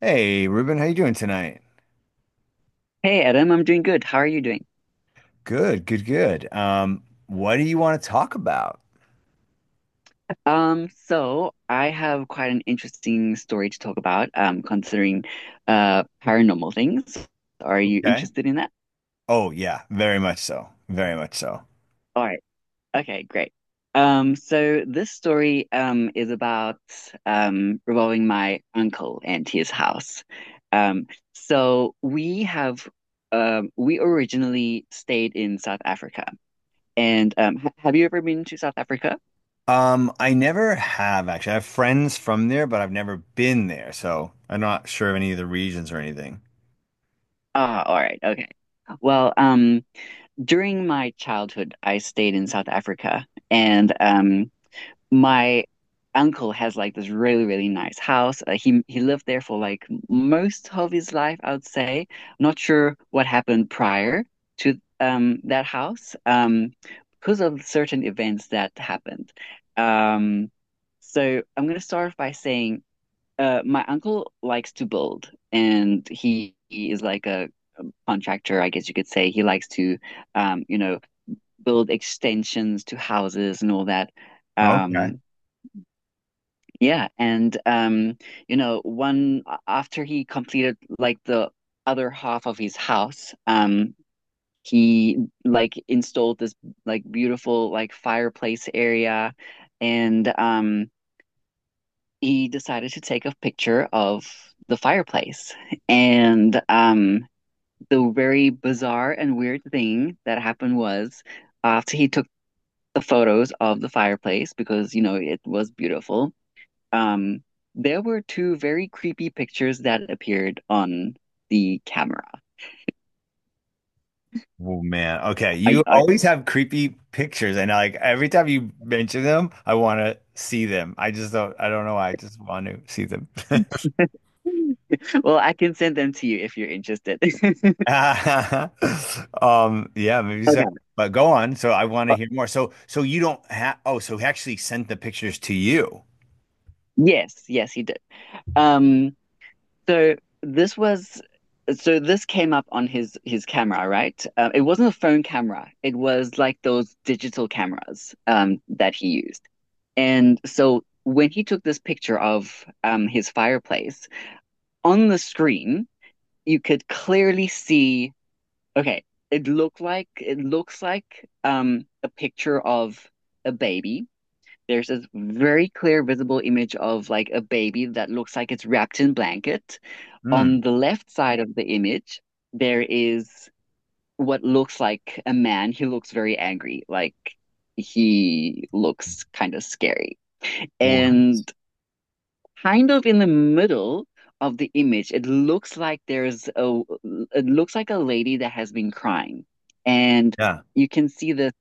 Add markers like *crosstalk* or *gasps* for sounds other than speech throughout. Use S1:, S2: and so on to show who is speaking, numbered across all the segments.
S1: Hey, Ruben, how you doing tonight?
S2: Hey Adam, I'm doing good. How are you doing?
S1: Good, good, good. What do you want to talk about?
S2: So I have quite an interesting story to talk about, considering paranormal things. Are you
S1: Okay.
S2: interested in that?
S1: Oh, yeah, very much so. Very much so.
S2: All right. Okay, great. So this story is about revolving my uncle and his house. Um, so we originally stayed in South Africa. And ha have you ever been to South Africa?
S1: I never have actually. I have friends from there, but I've never been there, so I'm not sure of any of the regions or anything.
S2: Ah, all right, okay. Well, during my childhood, I stayed in South Africa, and my uncle has like this really, really nice house. He lived there for like most of his life, I would say. Not sure what happened prior to that house, because of certain events that happened. Um, so I'm gonna start off by saying, my uncle likes to build, and he is like a contractor, I guess you could say. He likes to, um, you know build extensions to houses and all that.
S1: Okay.
S2: Um, yeah, and um, one after he completed like the other half of his house, he like installed this like beautiful like fireplace area, and he decided to take a picture of the fireplace. And the very bizarre and weird thing that happened was after he took the photos of the fireplace because, you know, it was beautiful. Um, there were two very creepy pictures that appeared on the camera.
S1: Oh man. Okay.
S2: I,
S1: You
S2: I,
S1: always have creepy pictures, and like every time you mention them, I want to see them. I just don't. I don't know why. I just want to see them. *laughs*
S2: *laughs* well, I can send them to you if you're interested. *laughs*
S1: *laughs* Yeah, maybe so.
S2: Okay.
S1: But go on. So I want to
S2: Uh,
S1: hear more. So you don't have oh, so he actually sent the pictures to you.
S2: Yes, yes, he did. Um, So this was this came up on his camera, right? It wasn't a phone camera. It was like those digital cameras that he used. And so when he took this picture of his fireplace on the screen, you could clearly see. Okay, it looks like a picture of a baby. There's this very clear, visible image of like a baby that looks like it's wrapped in blanket. On
S1: Hmm.
S2: the left side of the image, there is what looks like a man. He looks very angry, like he looks kind of scary.
S1: What?
S2: And kind of in the middle of the image, it looks like a lady that has been crying. And
S1: Yeah.
S2: you can see this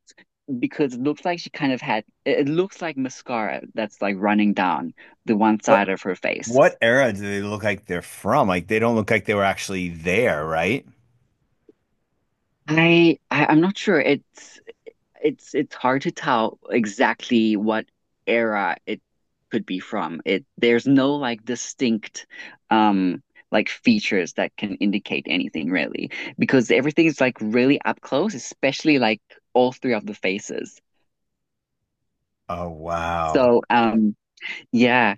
S2: because it looks like she kind of had it looks like mascara that's like running down the one side
S1: What
S2: of her face.
S1: what era do they look like they're from? Like they don't look like they were actually there, right?
S2: I'm not sure. It's hard to tell exactly what era it could be from. It There's no like distinct um like features that can indicate anything really because everything is like really up close, especially like all three of the faces.
S1: Oh wow.
S2: So um yeah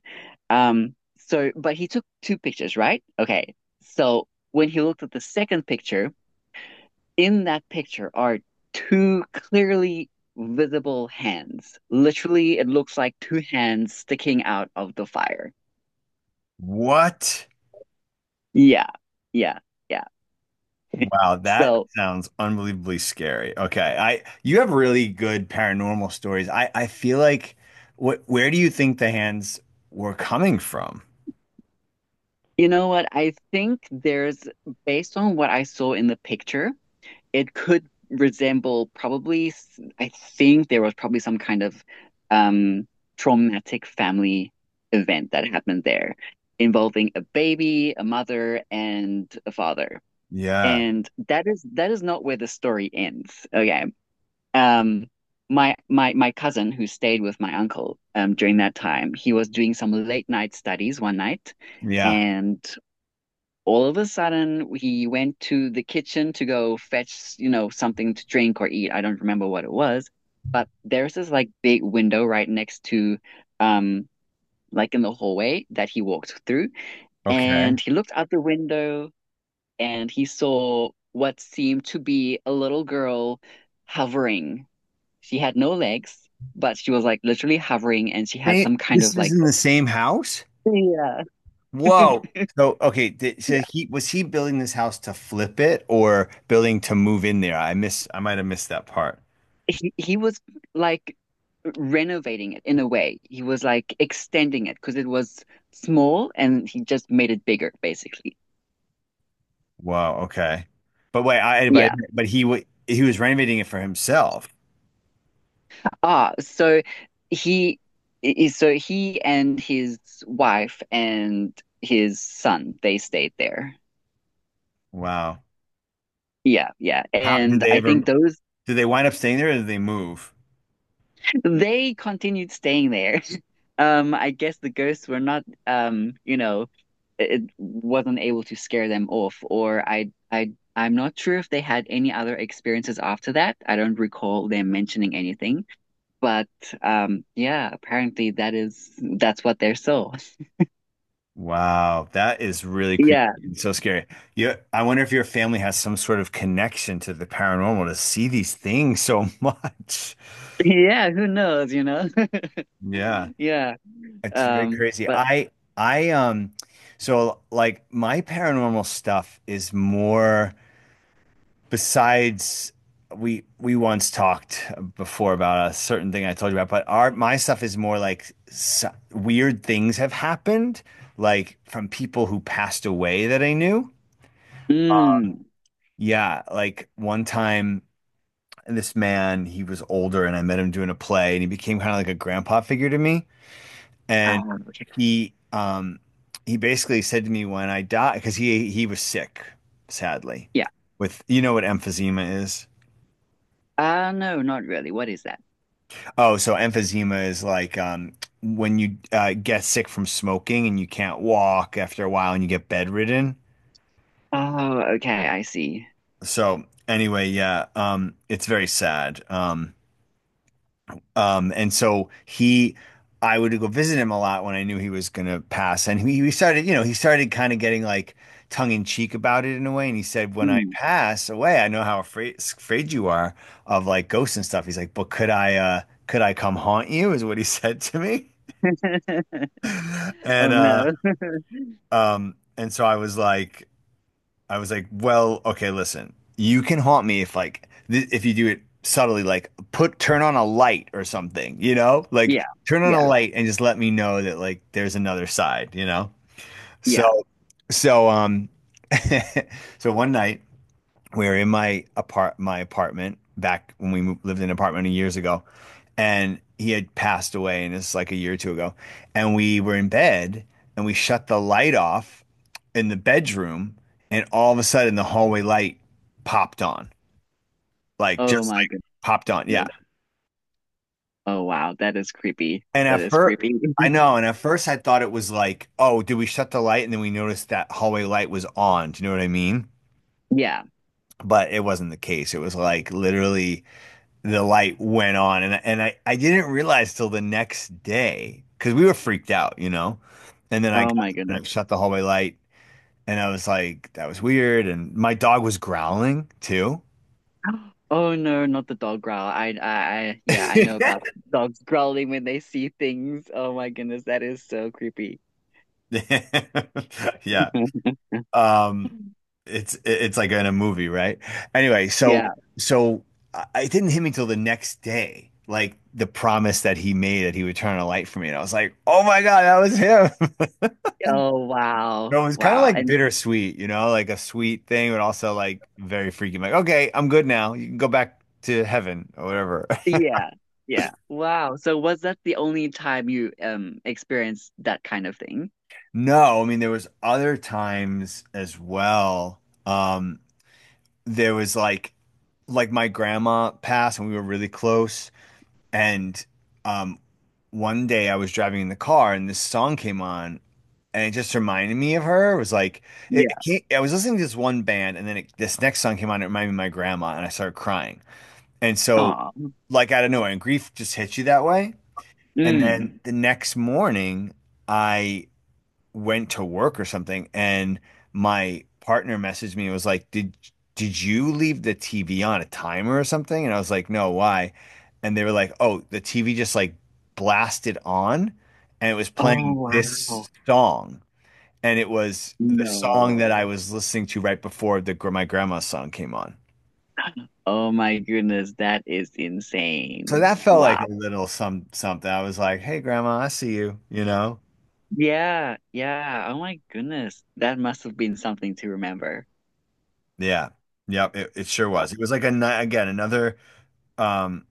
S2: so but he took two pictures, right? Okay. So when he looked at the second picture, in that picture are two clearly visible hands. Literally, it looks like two hands sticking out of the fire.
S1: What?
S2: Yeah, yeah, yeah.
S1: Wow, that
S2: So,
S1: sounds unbelievably scary. Okay. I you have really good paranormal stories. I feel like what where do you think the hands were coming from?
S2: you know what? Based on what I saw in the picture, it could resemble probably, I think there was probably some kind of um, traumatic family event that happened there involving a baby, a mother, and a father.
S1: Yeah.
S2: And that is not where the story ends. Okay. Um my cousin who stayed with my uncle during that time, he was doing some late night studies one night
S1: Yeah.
S2: and all of a sudden he went to the kitchen to go fetch, you know, something to drink or eat. I don't remember what it was, but there's this like big window right next to um like in the hallway that he walked through
S1: Okay.
S2: and he looked out the window and he saw what seemed to be a little girl hovering. She had no legs, but she was like literally hovering and she had
S1: They,
S2: some kind
S1: this
S2: of
S1: was
S2: like.
S1: in the same house?
S2: Yeah.
S1: Whoa. So, okay, did, so
S2: Yeah.
S1: he was he building this house to flip it or building to move in there? I miss I might have missed that part.
S2: He was like renovating it in a way. He was like extending it because it was small and he just made it bigger, basically.
S1: Wow, okay. But wait, I but,
S2: Yeah.
S1: he was renovating it for himself.
S2: Ah, so he is so he and his wife and his son, they stayed there.
S1: Wow.
S2: Yeah, yeah.
S1: How did
S2: And
S1: they
S2: I
S1: ever
S2: think those
S1: did they wind up staying there or did they move?
S2: They continued staying there. *laughs* I guess the ghosts were not you know, it wasn't able to scare them off, or I'm not sure if they had any other experiences after that. I don't recall them mentioning anything, but yeah, apparently that's what they're so. *laughs*
S1: Wow, that is really creepy
S2: Yeah.
S1: and so scary. You, I wonder if your family has some sort of connection to the paranormal to see these things so *laughs* much.
S2: *laughs* Yeah, who knows, you know? *laughs*
S1: Yeah.
S2: Yeah.
S1: It's very crazy.
S2: But
S1: I so like my paranormal stuff is more besides we once talked before about a certain thing I told you about, but our my stuff is more like s weird things have happened like from people who passed away that I knew.
S2: mm,
S1: Yeah, like one time this man, he was older and I met him doing a play and he became kind of like a grandpa figure to me.
S2: ah, okay.
S1: he um he basically said to me when I die because he was sick, sadly.
S2: Yeah.
S1: With you know what emphysema is?
S2: No, not really. What is that?
S1: Oh, so emphysema is like when you get sick from smoking and you can't walk after a while and you get bedridden.
S2: Oh, okay, I see.
S1: So anyway, yeah, it's very sad. Um, and so he, I would go visit him a lot when I knew he was gonna pass. And he started, he started kind of getting like tongue in cheek about it in a way. And he said, "When I
S2: Mm.
S1: pass away, I know how afraid you are of like ghosts and stuff." He's like, "But could I come haunt you?" Is what he *laughs* said to me. *laughs*
S2: *laughs* Oh
S1: And uh,
S2: no.
S1: and so I was like, well, okay, listen, you can haunt me if like if you do it subtly, like put turn on a light or something, you know, like
S2: Yeah,
S1: turn on a
S2: yeah,
S1: light and just let me know that like there's another side, you know.
S2: yeah.
S1: So so um *laughs* so one night we were in my apart my apartment back when we moved, lived in an apartment years ago, and he had passed away, and it's like a year or two ago, and we were in bed, and we shut the light off in the bedroom, and all of a sudden the hallway light popped on, like
S2: Oh
S1: just
S2: my
S1: like popped on, yeah.
S2: goodness. Oh wow, that is creepy.
S1: And
S2: That
S1: at
S2: is
S1: first,
S2: creepy.
S1: I
S2: *laughs*
S1: know, and at first I thought it was like, oh, did we shut the light? And then we noticed that hallway light was on. Do you know what I mean?
S2: Yeah.
S1: But it wasn't the case. It was like literally the light went on and I didn't realize till the next day because we were freaked out, you know. And then I
S2: Oh
S1: got
S2: my
S1: up and I
S2: goodness.
S1: shut the hallway light and I was like, that was weird. And my dog was growling too.
S2: *gasps* Oh no, not the dog growl. Yeah, I know about
S1: *laughs*
S2: dogs growling when they see things. Oh my goodness, that is so creepy.
S1: Yeah.
S2: *laughs*
S1: Um it's like in a movie, right? Anyway, so
S2: Yeah.
S1: so I it didn't hit me till the next day, like the promise that he made that he would turn on a light for me. And I was like, oh my God, that was him.
S2: Oh wow.
S1: No, it was kind of
S2: Wow.
S1: like
S2: And
S1: bittersweet, you know, like a sweet thing, but also like very freaky. Like, okay, I'm good now. You can go back to heaven or whatever. *laughs*
S2: yeah. Yeah. Wow. So was that the only time you experienced that kind of thing?
S1: No, I mean there was other times as well. Um, there was like my grandma passed and we were really close. And um, one day I was driving in the car and this song came on and it just reminded me of her. It was like it came, I was listening to this one band and then it, this next song came on. It reminded me of my grandma and I started crying. And so
S2: Aw.
S1: like out of nowhere, and grief just hits you that way. And
S2: Mm.
S1: then the next morning, I went to work or something, and my partner messaged me and was like, "Did you leave the TV on a timer or something?" And I was like, "No, why?" And they were like, "Oh, the TV just like blasted on, and it was
S2: Oh,
S1: playing
S2: wow.
S1: this song, and it was the song
S2: No.
S1: that I was listening to right before the my grandma's song came on."
S2: Oh my goodness, that is
S1: So
S2: insane.
S1: that felt like
S2: Wow.
S1: a little some something. I was like, "Hey, Grandma, I see you," you know?
S2: Yeah, yeah. Oh my goodness. That must have been something to remember.
S1: Yeah. Yep, it sure was. It was like a again another um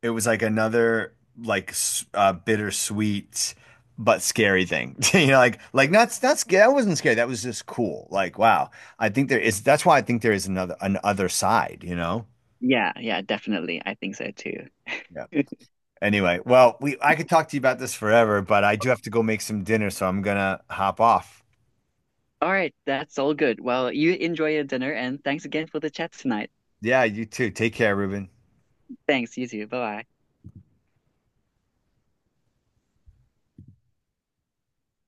S1: it was like another like bittersweet but scary thing. *laughs* You know, like not not scary. That wasn't scary. That was just cool. Like, wow. I think there is that's why I think there is another an other side, you know?
S2: Yeah, yeah, definitely. I think so too.
S1: Yeah. Anyway, well, we I could talk to you about this forever, but I do have to go make some dinner, so I'm gonna hop off.
S2: All right, that's all good. Well, you enjoy your dinner and thanks again for the chat tonight.
S1: Yeah, you too. Take care, Ruben.
S2: Thanks, you too. Bye-bye.